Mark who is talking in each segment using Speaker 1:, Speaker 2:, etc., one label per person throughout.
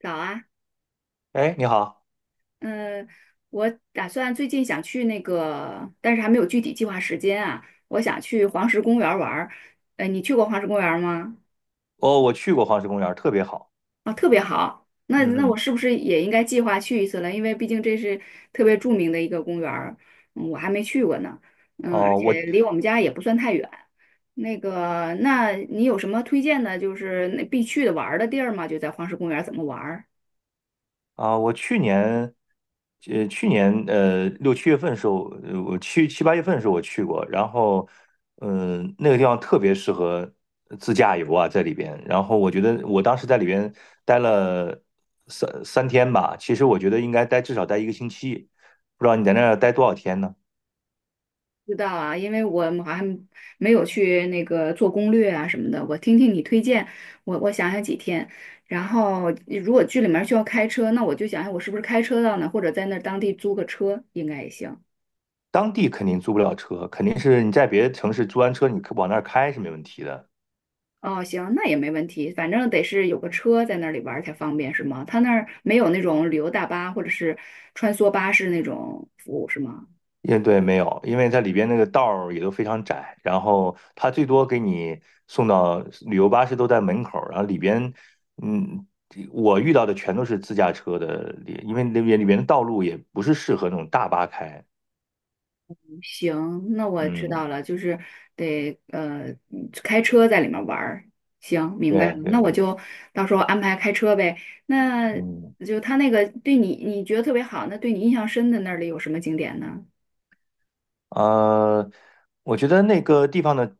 Speaker 1: 早啊，
Speaker 2: 哎，你好。
Speaker 1: 嗯，我打算最近想去那个，但是还没有具体计划时间啊。我想去黄石公园儿玩儿，你去过黄石公园儿吗？
Speaker 2: 哦，我去过黄石公园儿，特别好。
Speaker 1: 啊，特别好。那
Speaker 2: 嗯
Speaker 1: 那我
Speaker 2: 哼。
Speaker 1: 是不是也应该计划去一次了？因为毕竟这是特别著名的一个公园儿，嗯，我还没去过呢。嗯，而
Speaker 2: 哦，我
Speaker 1: 且离我们家也不算太远。那个，那你有什么推荐的，就是那必去的玩儿的地儿吗？就在黄石公园儿怎么玩儿？
Speaker 2: 我去年呃，去年呃六七月份的时候，呃我去七八月份的时候我去过。然后，那个地方特别适合自驾游啊，在里边。然后我觉得我当时在里边待了三天吧，其实我觉得应该至少待一个星期。不知道你在那儿待多少天呢？
Speaker 1: 知道啊，因为我们好像没有去那个做攻略啊什么的。我听听你推荐，我想想几天。然后如果剧里面需要开车，那我就想想我是不是开车到那，或者在那儿当地租个车应该也行。
Speaker 2: 当地肯定租不了车，肯定是你在别的城市租完车，你往那儿开是没问题的。
Speaker 1: 哦，行，那也没问题，反正得是有个车在那里玩儿才方便，是吗？他那儿没有那种旅游大巴或者是穿梭巴士那种服务，是吗？
Speaker 2: 也对，没有，因为它里边那个道儿也都非常窄，然后它最多给你送到旅游巴士都在门口儿，然后里边，嗯，我遇到的全都是自驾车的，因为那边里边的道路也不是适合那种大巴开。
Speaker 1: 行，那我知
Speaker 2: 嗯，
Speaker 1: 道了，就是得开车在里面玩儿。行，明白了，
Speaker 2: 对对
Speaker 1: 那我
Speaker 2: 对，
Speaker 1: 就到时候安排开车呗。那
Speaker 2: 嗯。
Speaker 1: 就他那个对你觉得特别好，那对你印象深的那里有什么景点呢？
Speaker 2: 呃，我觉得那个地方的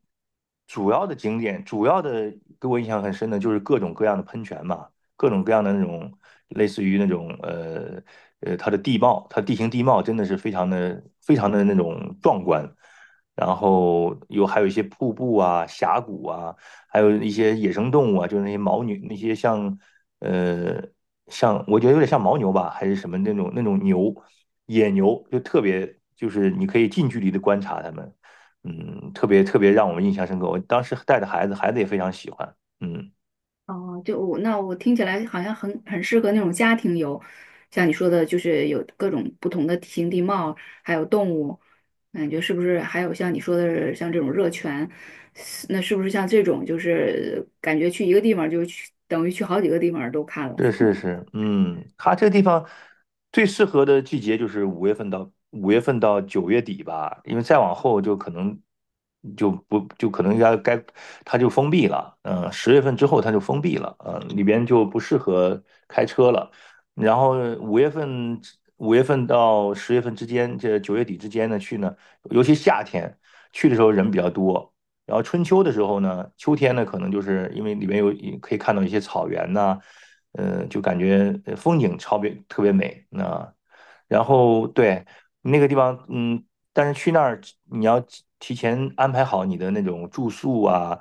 Speaker 2: 主要的给我印象很深的就是各种各样的喷泉嘛，各种各样的那种类似于那种它的地貌，它地形地貌真的是非常的非常的那种壮观。然后还有一些瀑布啊、峡谷啊，还有一些野生动物啊，就是那些牦牛，那些呃像我觉得有点像牦牛吧，还是什么那种牛。野牛就特别就是你可以近距离的观察它们，嗯，特别特别让我们印象深刻。我当时带着孩子，孩子也非常喜欢，嗯。
Speaker 1: 哦，就我那我听起来好像很适合那种家庭游，像你说的，就是有各种不同的地形地貌，还有动物，感觉是不是还有像你说的，像这种热泉，是那是不是像这种就是感觉去一个地方就去，等于去好几个地方都看了？
Speaker 2: 是是是，嗯，它这个地方最适合的季节就是五月份到九月底吧，因为再往后就可能就不就可能要该它就封闭了，嗯，十月份之后它就封闭了，嗯，里边就不适合开车了。然后五月份五月份到十月份之间，这九月底之间呢去呢，尤其夏天去的时候人比较多。然后春秋的时候呢，秋天呢，可能就是因为里面有可以看到一些草原呐、就感觉风景超别特别美。啊，然后对那个地方，嗯，但是去那儿你要提前安排好你的那种住宿啊，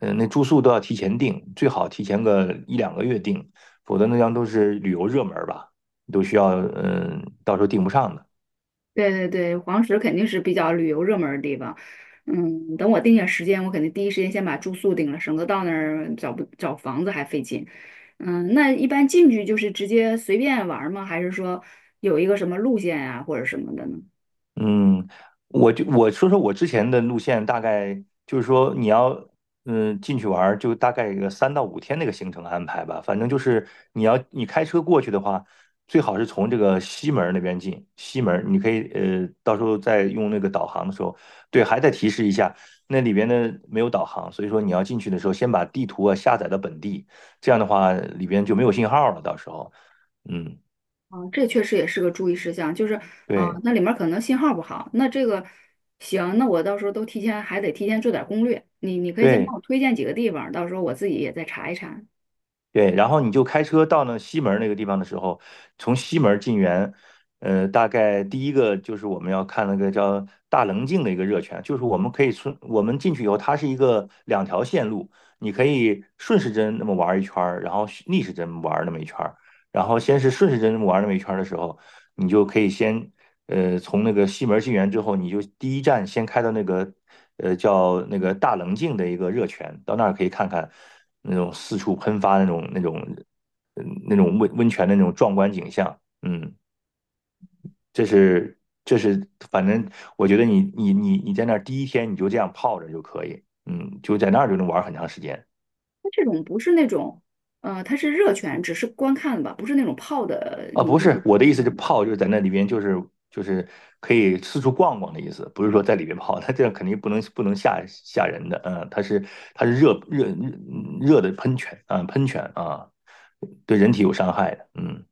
Speaker 2: 嗯，那住宿都要提前订，最好提前个一两个月订，否则那样都是旅游热门儿吧，都需要到时候订不上的。
Speaker 1: 对对对，黄石肯定是比较旅游热门儿的地方。嗯，等我定下时间，我肯定第一时间先把住宿定了，省得到那儿找不找房子还费劲。嗯，那一般进去就是直接随便玩儿吗？还是说有一个什么路线呀、或者什么的呢？
Speaker 2: 嗯，我说说我之前的路线。大概就是说你要进去玩儿，就大概一个三到五天那个行程安排吧。反正就是你开车过去的话，最好是从这个西门儿那边进。西门儿你可以到时候再用那个导航的时候，对，还得提示一下，那里边呢没有导航，所以说你要进去的时候先把地图啊下载到本地，这样的话里边就没有信号了，到时候嗯。
Speaker 1: 啊，这确实也是个注意事项，就是啊，
Speaker 2: 对
Speaker 1: 那里面儿可能信号不好。那这个行，那我到时候都提前还得提前做点儿攻略。你你可以先帮
Speaker 2: 对，
Speaker 1: 我推荐几个地方，到时候我自己也再查一查。
Speaker 2: 对，然后你就开车到那西门那个地方的时候，从西门进园。大概第一个就是我们要看那个叫大棱镜的一个热泉。就是我们可以我们进去以后，它是一个两条线路，你可以顺时针那么玩一圈儿，然后逆时针玩那么一圈儿，然后先是顺时针玩那么一圈儿的时候，你就可以先从那个西门进园之后，你就第一站先开到那个叫那个大棱镜的一个热泉。到那儿可以看看那种四处喷发那种温泉的那种壮观景象，嗯。这是这是反正我觉得你在那儿第一天你就这样泡着就可以，嗯，就在那儿就能玩很长时间。
Speaker 1: 它这种不是那种，它是热泉，只是观看吧，不是那种泡的，
Speaker 2: 啊，
Speaker 1: 你，
Speaker 2: 不是，
Speaker 1: 你
Speaker 2: 我的意思是
Speaker 1: 嗯，
Speaker 2: 泡就是在那里边，就是可以四处逛逛的意思，不是说在里边泡。它这样肯定不能吓人的，嗯，它是热的喷泉。啊，喷泉啊，对人体有伤害的，嗯，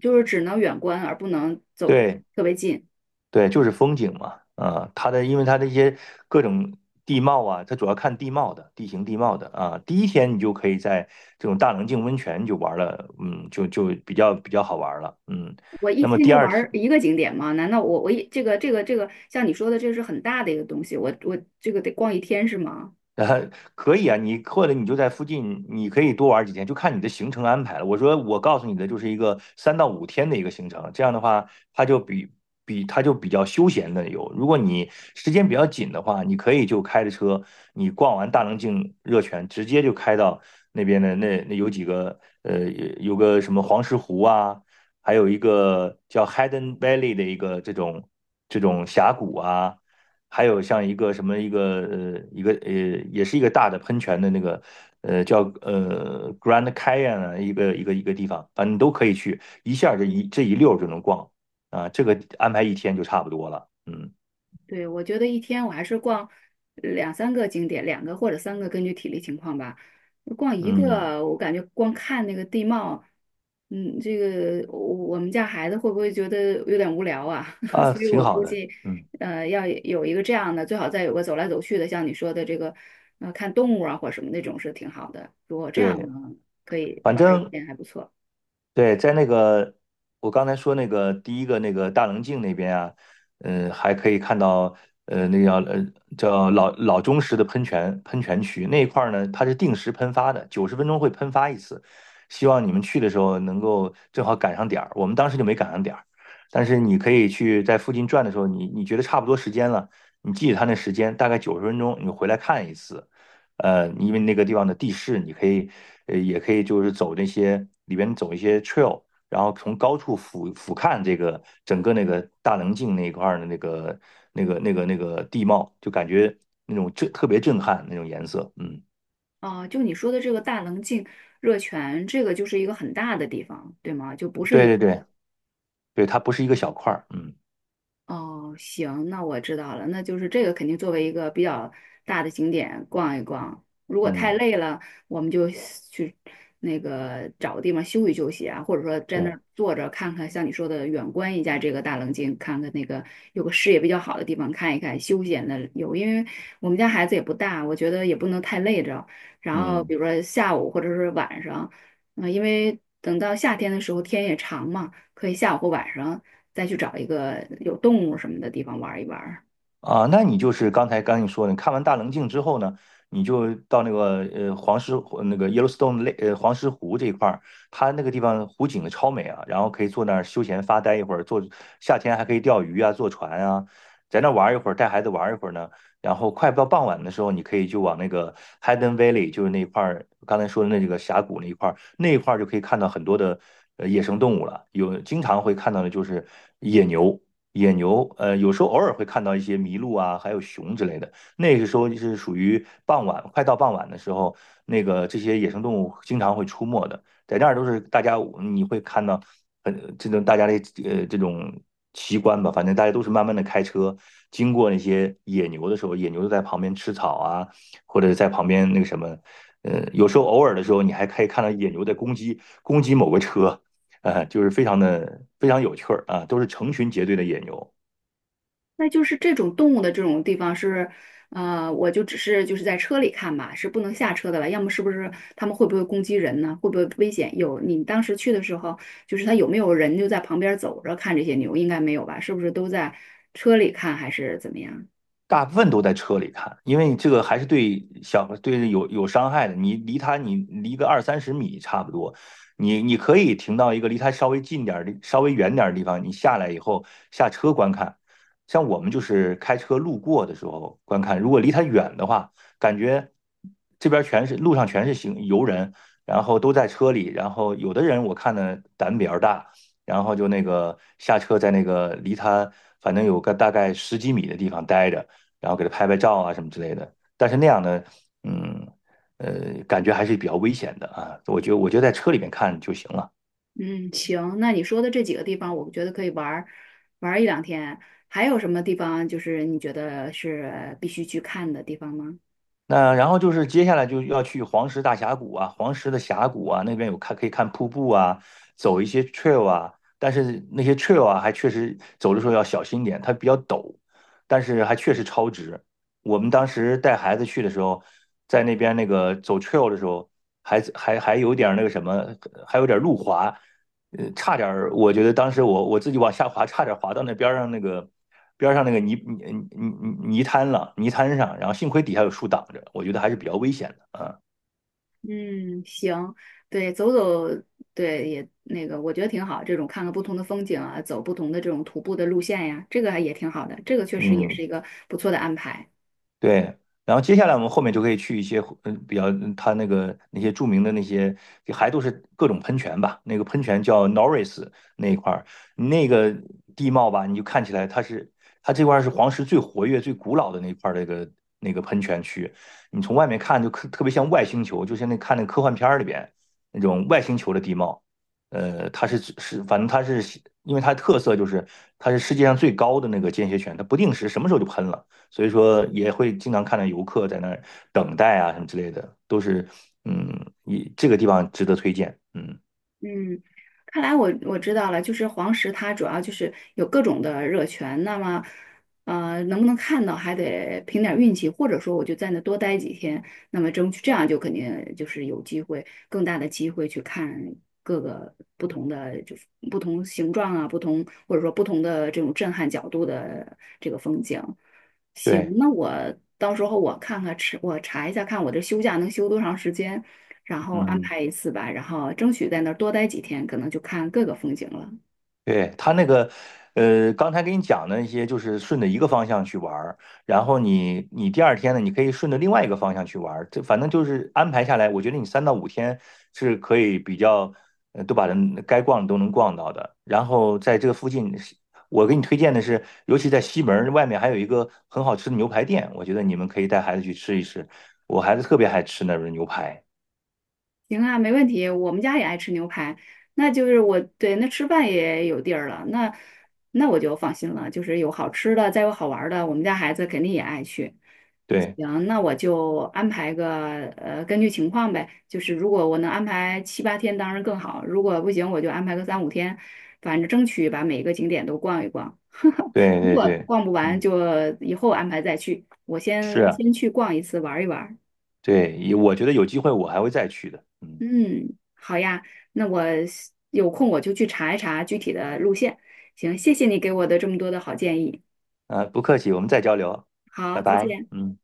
Speaker 1: 就是只能远观而不能走
Speaker 2: 对
Speaker 1: 特别近。
Speaker 2: 对，就是风景嘛。啊，因为它的一些各种地貌啊，它主要看地貌的，地形地貌的啊。第一天你就可以在这种大棱镜温泉就玩了，嗯，就比较好玩了，嗯。
Speaker 1: 我一
Speaker 2: 那么
Speaker 1: 天
Speaker 2: 第
Speaker 1: 就
Speaker 2: 二
Speaker 1: 玩
Speaker 2: 天
Speaker 1: 儿一个景点吗？难道我我一这个这个这个像你说的，这是很大的一个东西，我这个得逛一天是吗？
Speaker 2: 呃，可以啊，或者你就在附近，你可以多玩几天，就看你的行程安排了。我告诉你的就是一个三到五天的一个行程，这样的话，它就比较休闲的游。如果你时间比较紧的话，你可以就开着车，你逛完大棱镜热泉，直接就开到那边的那有几个有个什么黄石湖啊，还有一个叫 Hidden Valley 的一个这种峡谷啊。还有像一个什么一个呃一个呃也是一个大的喷泉的那个叫Grand Canyon 啊一个地方，反正你都可以去，一下儿这一溜儿就能逛啊，这个安排一天就差不多了。嗯
Speaker 1: 对，我觉得一天我还是逛两三个景点，两个或者三个，根据体力情况吧。逛一
Speaker 2: 嗯
Speaker 1: 个，我感觉光看那个地貌，嗯，这个我们家孩子会不会觉得有点无聊啊？
Speaker 2: 啊，
Speaker 1: 所以
Speaker 2: 挺
Speaker 1: 我
Speaker 2: 好
Speaker 1: 估
Speaker 2: 的，
Speaker 1: 计，
Speaker 2: 嗯
Speaker 1: 呃，要有一个这样的，最好再有个走来走去的，像你说的这个，看动物啊或者什么那种是挺好的。如果这样呢，
Speaker 2: 对，
Speaker 1: 可以
Speaker 2: 反
Speaker 1: 玩儿一
Speaker 2: 正
Speaker 1: 天还不错。
Speaker 2: 对，在那个我刚才说那个第一个那个大棱镜那边啊，嗯，还可以看到那个叫老钟石的喷泉区那一块儿呢，它是定时喷发的，九十分钟会喷发一次。希望你们去的时候能够正好赶上点儿，我们当时就没赶上点儿，但是你可以去在附近转的时候，你觉得差不多时间了，你记着它那时间大概九十分钟，你回来看一次。因为那个地方的地势，你可以，也可以就是走那些里边走一些 trail,然后从高处俯瞰这个整个那个大棱镜那一块儿的那个地貌，就感觉那种特别震撼那种颜色，嗯，
Speaker 1: 啊。就你说的这个大棱镜热泉，这个就是一个很大的地方，对吗？就不是
Speaker 2: 对
Speaker 1: 一
Speaker 2: 对
Speaker 1: 个
Speaker 2: 对对，它不是一个小块儿，嗯
Speaker 1: 哦，行，那我知道了，那就是这个肯定作为一个比较大的景点逛一逛。如果太
Speaker 2: 嗯
Speaker 1: 累了，我们就去那个找个地方休息休息啊，或者说在那
Speaker 2: 对，
Speaker 1: 儿坐着看看，像你说的远观一下这个大棱镜，看看那个有个视野比较好的地方看一看，休闲的有。因为我们家孩子也不大，我觉得也不能太累着。然后
Speaker 2: 嗯。
Speaker 1: 比如说下午或者是晚上，嗯、因为等到夏天的时候天也长嘛，可以下午或晚上。再去找一个有动物什么的地方玩一玩
Speaker 2: 啊，那你就是刚才你说的，你看完大棱镜之后呢，你就到那个黄石湖那个 Yellowstone 黄石湖这一块儿，它那个地方湖景超美啊，然后可以坐那儿休闲发呆一会儿。夏天还可以钓鱼啊，坐船啊，在那儿玩儿一会儿，带孩子玩儿一会儿呢。然后快到傍晚的时候，你可以就往那个 Hidden Valley,就是那块儿刚才说的那几个峡谷那一块儿，那一块儿就可以看到很多的野生动物了，有经常会看到的就是野牛。野牛，有时候偶尔会看到一些麋鹿啊，还有熊之类的。那个时候就是属于傍晚，快到傍晚的时候，这些野生动物经常会出没的，在那儿都是大家你会看到很这种大家的呃这种奇观吧。反正大家都是慢慢的开车经过那些野牛的时候，野牛就在旁边吃草啊，或者在旁边那个什么，有时候偶尔的时候，你还可以看到野牛在攻击某个车，啊，就是非常的非常有趣儿啊，都是成群结队的野牛。
Speaker 1: 那就是这种动物的这种地方是，我就只是就是在车里看吧，是不能下车的了。要么是不是他们会不会攻击人呢？会不会危险？有你当时去的时候，就是他有没有人就在旁边走着看这些牛？应该没有吧？是不是都在车里看还是怎么样？
Speaker 2: 大部分都在车里看，因为这个还是对有伤害的。你离它，你离个二三十米差不多，你可以停到一个离它稍微近点儿的、稍微远点儿的地方，你下来以后下车观看。像我们就是开车路过的时候观看，如果离它远的话，感觉这边全是路上全是行游人，然后都在车里，然后有的人我看呢胆比较大，然后就那个下车在那个离他反正有个大概十几米的地方待着。然后给他拍拍照啊什么之类的。但是那样呢，嗯，感觉还是比较危险的啊。我觉得在车里面看就行了。
Speaker 1: 嗯，行，那你说的这几个地方，我觉得可以玩儿一两天。还有什么地方就是你觉得是必须去看的地方吗？
Speaker 2: 那然后就是接下来就要去黄石大峡谷啊，黄石的峡谷啊，那边有看可以看瀑布啊，走一些 trail 啊，但是那些 trail 啊，还确实走的时候要小心点，它比较陡，但是还确实超值。我们当时带孩子去的时候，在那边那个走 trail 的时候，还有点那个什么，还有点路滑，差点儿，我觉得当时我自己往下滑，差点滑到那边儿上那个。边上那个泥滩上，然后幸亏底下有树挡着，我觉得还是比较危险的啊。
Speaker 1: 嗯，行，对，走走，对，也那个，我觉得挺好。这种看看不同的风景啊，走不同的这种徒步的路线呀，这个还也挺好的。这个确实也
Speaker 2: 嗯，
Speaker 1: 是一个不错的安排。
Speaker 2: 对，然后接下来我们后面就可以去一些比较它那个那些著名的那些还都是各种喷泉吧，那个喷泉叫 Norris 那一块儿，那个地貌吧，你就看起来它这块儿是黄石最活跃、最古老的那一块儿那个喷泉区，你从外面看就特别像外星球，就像那看那科幻片儿里边那种外星球的地貌，它是是反正它是因为它的特色就是它是世界上最高的那个间歇泉，它不定时什么时候就喷了。所以说也会经常看到游客在那儿等待啊什么之类的，都是嗯，一这个地方值得推荐，嗯，
Speaker 1: 嗯，看来我知道了，就是黄石它主要就是有各种的热泉，那么，能不能看到还得凭点儿运气，或者说我就在那多待几天，那么争取这样就肯定就是有机会，更大的机会去看各个不同的就是不同形状啊，不同或者说不同的这种震撼角度的这个风景。行，
Speaker 2: 对，
Speaker 1: 那我到时候我看看，吃我查一下，看我这休假能休多长时间。然后安
Speaker 2: 嗯。
Speaker 1: 排一次吧，然后争取在那儿多待几天，可能就看各个风景了。
Speaker 2: 对，他那个，刚才给你讲的那些，就是顺着一个方向去玩儿，然后你第二天呢，你可以顺着另外一个方向去玩儿，这反正就是安排下来，我觉得你3到5天是可以比较，都把人该逛的都能逛到的。然后在这个附近，我给你推荐的是，尤其在西门儿外面还有一个很好吃的牛排店，我觉得你们可以带孩子去吃一吃，我孩子特别爱吃那边牛排。
Speaker 1: 行啊，没问题，我们家也爱吃牛排，那就是我，对，那吃饭也有地儿了，那那我就放心了，就是有好吃的，再有好玩儿的，我们家孩子肯定也爱去。
Speaker 2: 对
Speaker 1: 行，那我就安排个,根据情况呗。就是如果我能安排7、8天，当然更好；如果不行，我就安排个3到5天，反正争取把每一个景点都逛一逛。
Speaker 2: 对
Speaker 1: 如
Speaker 2: 对
Speaker 1: 果
Speaker 2: 对，
Speaker 1: 逛不完，
Speaker 2: 嗯。
Speaker 1: 就以后安排再去。我
Speaker 2: 是
Speaker 1: 先
Speaker 2: 啊
Speaker 1: 先去逛一次，玩一玩。
Speaker 2: 对，也我觉得有机会我还会再去的。嗯，
Speaker 1: 嗯，好呀，那我有空我就去查一查具体的路线。行，谢谢你给我的这么多的好建议。
Speaker 2: 啊，不客气，我们再交流，拜
Speaker 1: 好，再
Speaker 2: 拜。
Speaker 1: 见。
Speaker 2: 嗯。